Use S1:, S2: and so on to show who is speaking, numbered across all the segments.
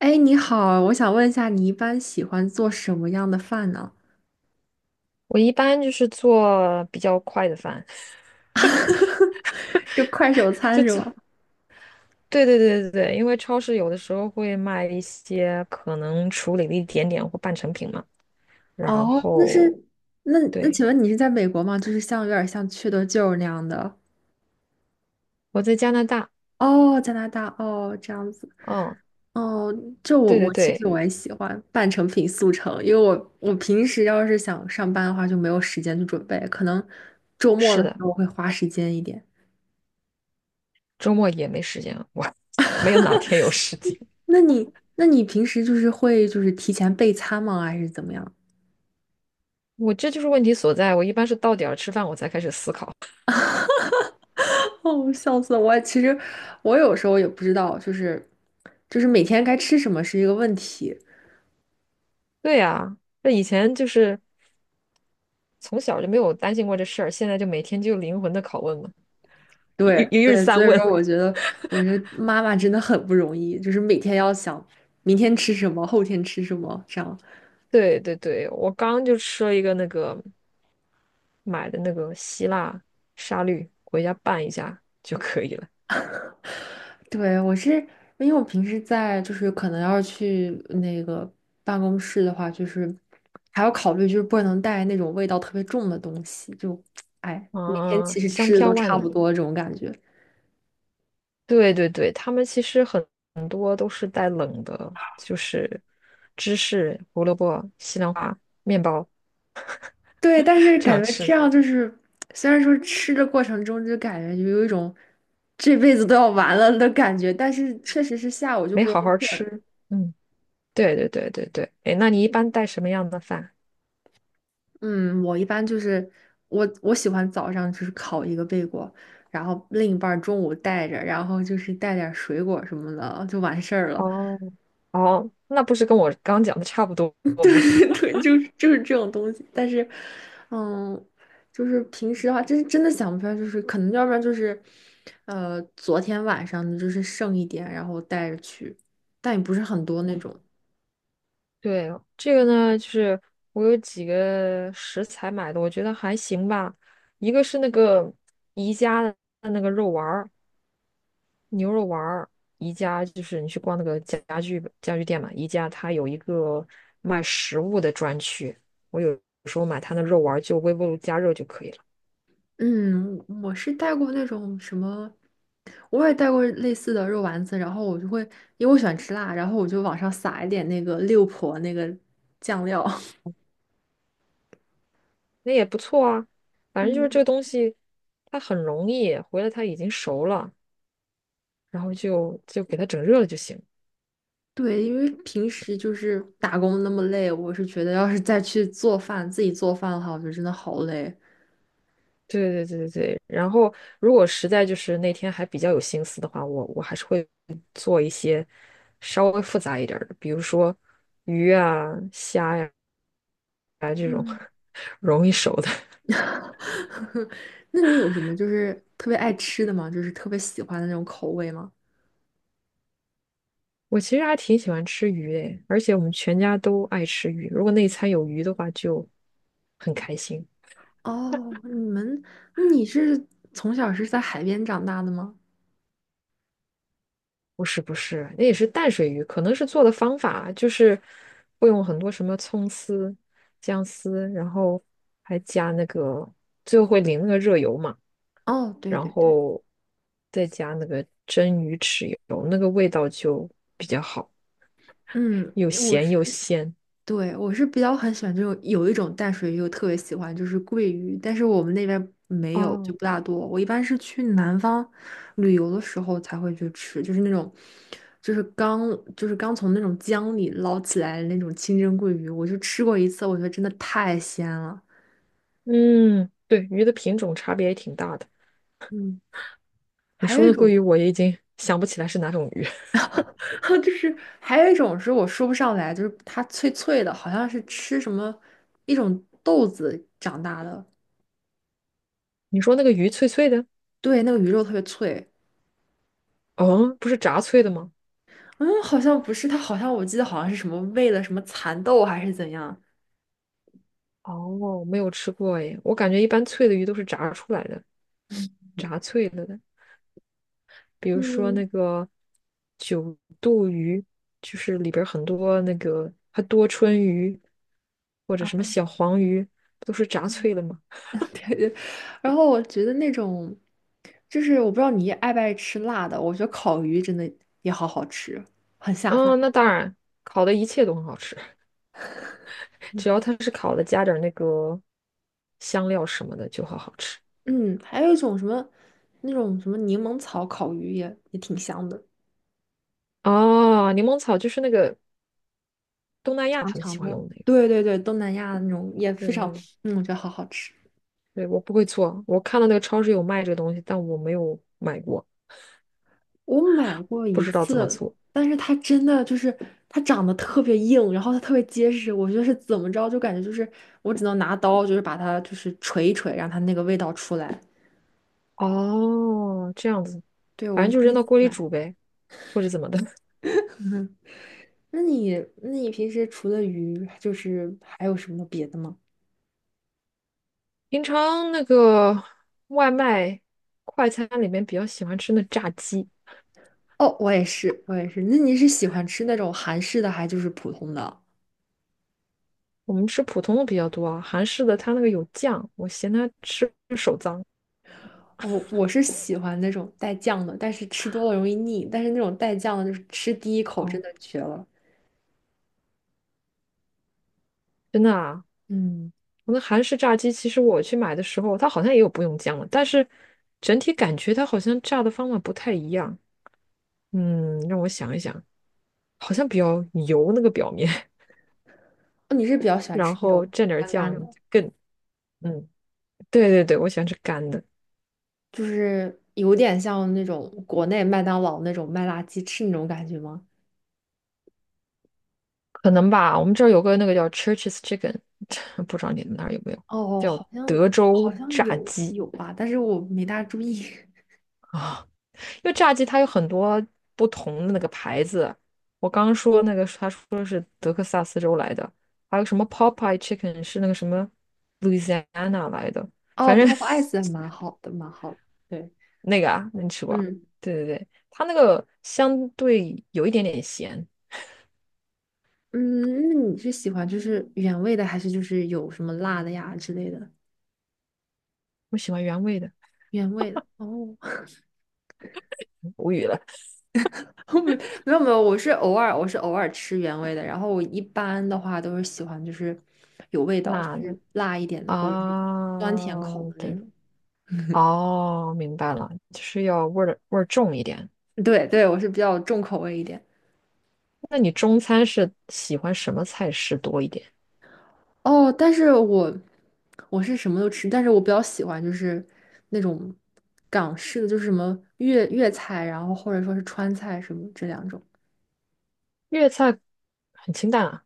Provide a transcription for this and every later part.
S1: 哎，你好，我想问一下，你一般喜欢做什么样的饭呢？
S2: 我一般就是做比较快的饭，
S1: 就快手 餐
S2: 就
S1: 是
S2: 做
S1: 吗？
S2: 对对对对对，因为超市有的时候会卖一些可能处理了一点点或半成品嘛。然
S1: 哦，那
S2: 后，
S1: 是，
S2: 对，
S1: 请问你是在美国吗？就是像有点像缺德舅那样的。
S2: 我在加拿大，
S1: 哦，加拿大，哦，这样子，
S2: 嗯，
S1: 哦，就我
S2: 对对
S1: 我其实
S2: 对，
S1: 我也喜欢半成品速成，因为我平时要是想上班的话就没有时间去准备，可能周末
S2: 是
S1: 的时
S2: 的，
S1: 候会花时间一点。
S2: 周末也没时间，没有哪天有时间，
S1: 那你平时就是会就是提前备餐吗？还是怎么样？
S2: 我这就是问题所在。我一般是到点儿吃饭，我才开始思考。
S1: 哦，笑死了我！其实我有时候也不知道，就是每天该吃什么是一个问题。
S2: 对呀，那以前就是从小就没有担心过这事儿，现在就每天就灵魂的拷问嘛，一
S1: 对
S2: 一日
S1: 对，所
S2: 三
S1: 以说
S2: 问。
S1: 我觉得，我觉得妈妈真的很不容易，就是每天要想明天吃什么，后天吃什么，这样。
S2: 对对对，我刚刚就吃了一个那个买的那个希腊沙律，回家拌一下就可以了。
S1: 对，我是因为我平时在就是可能要是去那个办公室的话，就是还要考虑就是不能带那种味道特别重的东西，就哎，每天
S2: 啊，
S1: 其实
S2: 香
S1: 吃的都
S2: 飘万
S1: 差不
S2: 里。
S1: 多这种感觉。
S2: 对对对，他们其实很多都是带冷的，就是芝士、胡萝卜、西兰花、面包
S1: 对，但是
S2: 这样
S1: 感觉这
S2: 吃，
S1: 样就是，虽然说吃的过程中就感觉有一种这辈子都要完了的感觉，但是确实是下午就
S2: 没
S1: 不容
S2: 好好
S1: 易困。
S2: 吃。嗯，对对对对对。哎，那你一般带什么样的饭？
S1: 嗯，我一般就是我喜欢早上就是烤一个贝果，然后另一半儿中午带着，然后就是带点儿水果什么的就完事儿了。
S2: 哦哦，那不是跟我刚讲的差不多 吗？
S1: 对对，就是这种东西。但是，嗯，就是平时的话，真的想不出来，就是可能要不然就是，昨天晚上的就是剩一点，然后带着去，但也不是很多那种。
S2: 对，这个呢，就是我有几个食材买的，我觉得还行吧。一个是那个宜家的那个肉丸儿，牛肉丸儿。宜家就是你去逛那个家具店嘛，宜家它有一个卖食物的专区，我有时候买它的肉丸儿，就微波炉加热就可以了，
S1: 嗯，我是带过那种什么，我也带过类似的肉丸子，然后我就会，因为我喜欢吃辣，然后我就往上撒一点那个六婆那个酱料。
S2: 那也不错啊。反正就是这
S1: 嗯。
S2: 个东西，它很容易，回来它已经熟了，然后就给它整热了就行。
S1: 对，因为平时就是打工那么累，我是觉得要是再去做饭，自己做饭的话，我觉得真的好累。
S2: 对对对对对，然后如果实在就是那天还比较有心思的话，我还是会做一些稍微复杂一点儿的，比如说鱼啊、虾呀，
S1: 嗯。
S2: 容易熟的。
S1: 那你有什么就是特别爱吃的吗？就是特别喜欢的那种口味吗？
S2: 我其实还挺喜欢吃鱼诶，而且我们全家都爱吃鱼，如果那一餐有鱼的话，就很开心。
S1: 哦，你们，那你是从小是在海边长大的吗？
S2: 不是不是，那也是淡水鱼，可能是做的方法就是会用很多什么葱丝、姜丝，然后还加那个，最后会淋那个热油嘛，
S1: 哦，对
S2: 然
S1: 对对，
S2: 后再加那个蒸鱼豉油，那个味道就比较好，
S1: 嗯，
S2: 又
S1: 我
S2: 咸
S1: 是。
S2: 又鲜。
S1: 对，我是比较很喜欢这种，有一种淡水鱼，我特别喜欢，就是桂鱼，但是我们那边没有，就
S2: 哦，
S1: 不大多。我一般是去南方旅游的时候才会去吃，就是那种，就是刚就是刚从那种江里捞起来的那种清蒸桂鱼，我就吃过一次，我觉得真的太鲜了。
S2: 嗯，对，鱼的品种差别也挺大的。
S1: 嗯，
S2: 你
S1: 还
S2: 说
S1: 有一
S2: 那鲑鱼，
S1: 种，
S2: 我也已经想不起来是哪种鱼。
S1: 就是还有一种是我说不上来，就是它脆脆的，好像是吃什么一种豆子长大的，
S2: 你说那个鱼脆脆的，
S1: 对，那个鱼肉特别脆。
S2: 哦，不是炸脆的吗？
S1: 嗯，好像不是，他好像我记得好像是什么喂了什么蚕豆还是怎样。
S2: 哦，没有吃过诶，我感觉一般脆的鱼都是炸出来的，炸脆了的。比如说那
S1: 嗯，
S2: 个九肚鱼，就是里边儿很多那个还多春鱼，或者什么小黄鱼，不都是炸脆的嘛。
S1: 然后我觉得那种，就是我不知道你爱不爱吃辣的，我觉得烤鱼真的也好好吃，很下饭。
S2: 嗯，那当然，烤的一切都很好吃，
S1: 嗯，
S2: 只要它是烤的，加点儿那个香料什么的就好好吃。
S1: 嗯还有一种什么，那种什么柠檬草烤鱼也挺香的，
S2: 哦，柠檬草就是那个东南亚
S1: 长
S2: 他们喜
S1: 长
S2: 欢
S1: 的。
S2: 用的那个，
S1: 对对对，东南亚那种也非常，
S2: 对，
S1: 嗯，我觉得好好吃。
S2: 对，我不会做，我看到那个超市有卖这个东西，但我没有买过，
S1: 我买过
S2: 不
S1: 一
S2: 知道怎么
S1: 次，
S2: 做。
S1: 但是它真的就是它长得特别硬，然后它特别结实，我就是怎么着就感觉就是我只能拿刀就是把它就是锤一锤，让它那个味道出来。
S2: 哦，这样子，
S1: 对，我
S2: 反正
S1: 是
S2: 就
S1: 第
S2: 扔
S1: 一次
S2: 到锅里
S1: 买。
S2: 煮呗，或者怎么的。
S1: 嗯，那你那你平时除了鱼，就是还有什么别的吗？
S2: 平常那个外卖快餐里面比较喜欢吃那炸鸡，
S1: 哦，我也是，我也是。那你是喜欢吃那种韩式的，还就是普通的？
S2: 我们吃普通的比较多啊，韩式的它那个有酱，我嫌它吃手脏。
S1: 我是喜欢那种带酱的，但是吃多了容易腻，但是那种带酱的，就是吃第一口真
S2: 哦，
S1: 的绝了。
S2: 真的啊，
S1: 嗯。
S2: 我那韩式炸鸡，其实我去买的时候，它好像也有不用酱的，但是整体感觉它好像炸的方法不太一样。嗯，让我想一想。好像比较油那个表面，
S1: 哦你是比 较喜欢
S2: 然
S1: 吃那种
S2: 后蘸点儿
S1: 干干的，
S2: 酱更，嗯，对对对，我喜欢吃干的，
S1: 就是有点像那种国内麦当劳那种麦辣鸡翅那种感觉吗？
S2: 可能吧。我们这儿有个那个叫 Church's Chicken,不知道你们那儿有没有，
S1: 哦，
S2: 叫
S1: 好像
S2: 德
S1: 好
S2: 州
S1: 像
S2: 炸
S1: 有
S2: 鸡
S1: 有吧，但是我没大注意。
S2: 啊。因为炸鸡它有很多不同的那个牌子，我刚刚说那个他说是德克萨斯州来的，还有什么 Popeye Chicken 是那个什么 Louisiana 来的，反
S1: 哦
S2: 正
S1: ，Pop Ice 还蛮好的，蛮好的。对，
S2: 那个啊，那你吃过啊
S1: 嗯
S2: 对对对，它那个相对有一点点咸，
S1: 嗯，那你是喜欢就是原味的，还是就是有什么辣的呀之类的？
S2: 我喜欢原味的，
S1: 原味的哦，
S2: 无语了，
S1: 没有没有，我是偶尔吃原味的，然后我一般的话都是喜欢就是有味道，就
S2: 辣
S1: 是
S2: 的
S1: 辣一点的，或者是。
S2: 啊，对，哦，明白了，就是要味儿重一点。
S1: 对对，我是比较重口味一点。
S2: 那你中餐是喜欢什么菜式多一点？
S1: 哦，但是我我是什么都吃，但是我比较喜欢就是那种港式的，就是什么粤菜，然后或者说是川菜什么这两种。
S2: 粤菜很清淡啊，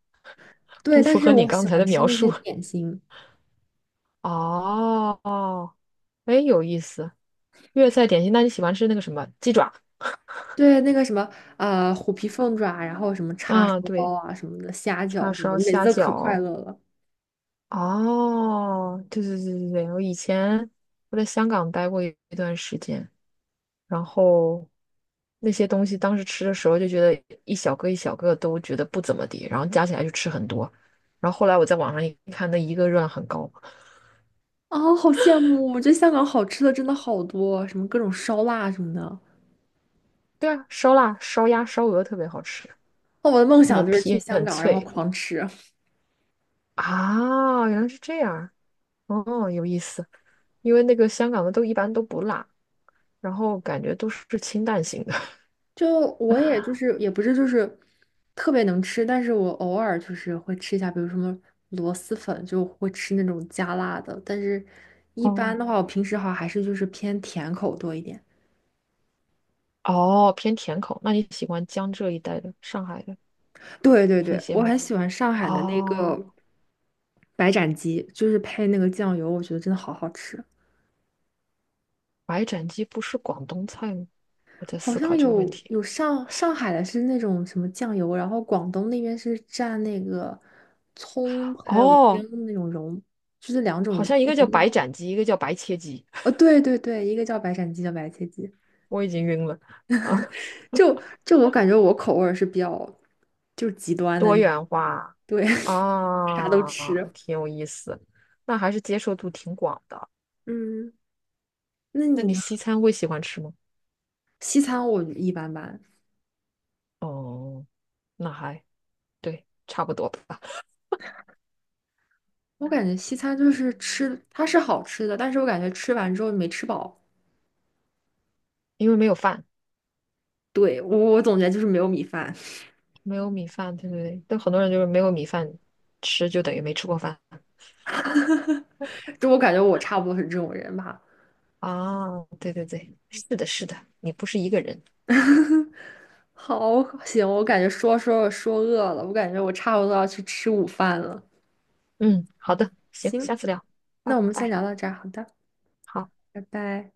S1: 对，
S2: 不
S1: 但
S2: 符
S1: 是
S2: 合你
S1: 我
S2: 刚
S1: 喜
S2: 才
S1: 欢
S2: 的
S1: 吃
S2: 描
S1: 那些
S2: 述。
S1: 点心，
S2: 哦，哦，哎，有意思。粤菜点心，那你喜欢吃那个什么鸡爪？
S1: 对那个什么虎皮凤爪，然后什么叉
S2: 嗯，
S1: 烧
S2: 对，
S1: 包啊什么的，虾
S2: 叉
S1: 饺什么
S2: 烧、
S1: 的每次
S2: 虾
S1: 都可快
S2: 饺，
S1: 乐了。
S2: 哦，对对对对对，我以前我在香港待过一段时间，然后那些东西当时吃的时候就觉得一小个一小个都觉得不怎么地，然后加起来就吃很多，然后后来我在网上一看，那一个热量很高。
S1: 啊！好羡慕！我觉得香港好吃的真的好多，什么各种烧腊什么的。
S2: 对啊，烧腊、烧鸭、烧鹅特别好吃，
S1: 哦，我的梦
S2: 那个
S1: 想就是去
S2: 皮
S1: 香
S2: 很
S1: 港，然后
S2: 脆
S1: 狂吃。
S2: 啊，原来是这样，哦，有意思，因为那个香港的都一般都不辣，然后感觉都是清淡型的。
S1: 就我也就是也不是就是特别能吃，但是我偶尔就是会吃一下，比如什么螺蛳粉，就会吃那种加辣的。但是一
S2: 哦
S1: 般的话，我平时好像还是就是偏甜口多一点。
S2: 哦，偏甜口。那你喜欢江浙一带的、上海的
S1: 对对
S2: 那
S1: 对，
S2: 些
S1: 我很
S2: 吗？
S1: 喜欢上海的那
S2: 哦，
S1: 个白斩鸡，就是配那个酱油，我觉得真的好好吃。
S2: 白斩鸡不是广东菜吗？我在
S1: 好
S2: 思
S1: 像
S2: 考这个问
S1: 有
S2: 题。
S1: 有上上海的是那种什么酱油，然后广东那边是蘸那个葱还有姜
S2: 哦，
S1: 的那种蓉，就是两
S2: 好
S1: 种
S2: 像一个
S1: 不
S2: 叫
S1: 一
S2: 白
S1: 样
S2: 斩鸡，一个叫白切鸡，
S1: 哦，对对对，一个叫白斩鸡，叫白切鸡。
S2: 我已经晕了。啊，
S1: 就就我感觉我口味儿是比较就是极端的
S2: 多
S1: 那，
S2: 元化
S1: 对，啥都
S2: 啊，
S1: 吃。
S2: 挺有意思。那还是接受度挺广的。
S1: 嗯，那
S2: 那
S1: 你
S2: 你
S1: 呢？
S2: 西餐会喜欢吃吗？
S1: 西餐我一般般，
S2: 哦，那还对，差不多吧。
S1: 我感觉西餐就是吃，它是好吃的，但是我感觉吃完之后没吃饱。
S2: 因为没有饭，
S1: 对，我总结就是没有米饭，
S2: 没有米饭，对不对？但很多人就是没有米饭吃，就等于没吃过饭。
S1: 就我感觉我差不多是这种人吧。
S2: 哦，对对对，是的，是的，你不是一个人。
S1: 好，行，我感觉说饿了，我感觉我差不多要去吃午饭了。
S2: 嗯，好的，行，
S1: 行，
S2: 下次聊，
S1: 那
S2: 拜
S1: 我们先
S2: 拜。
S1: 聊到这儿，好的。
S2: 好。
S1: 拜拜。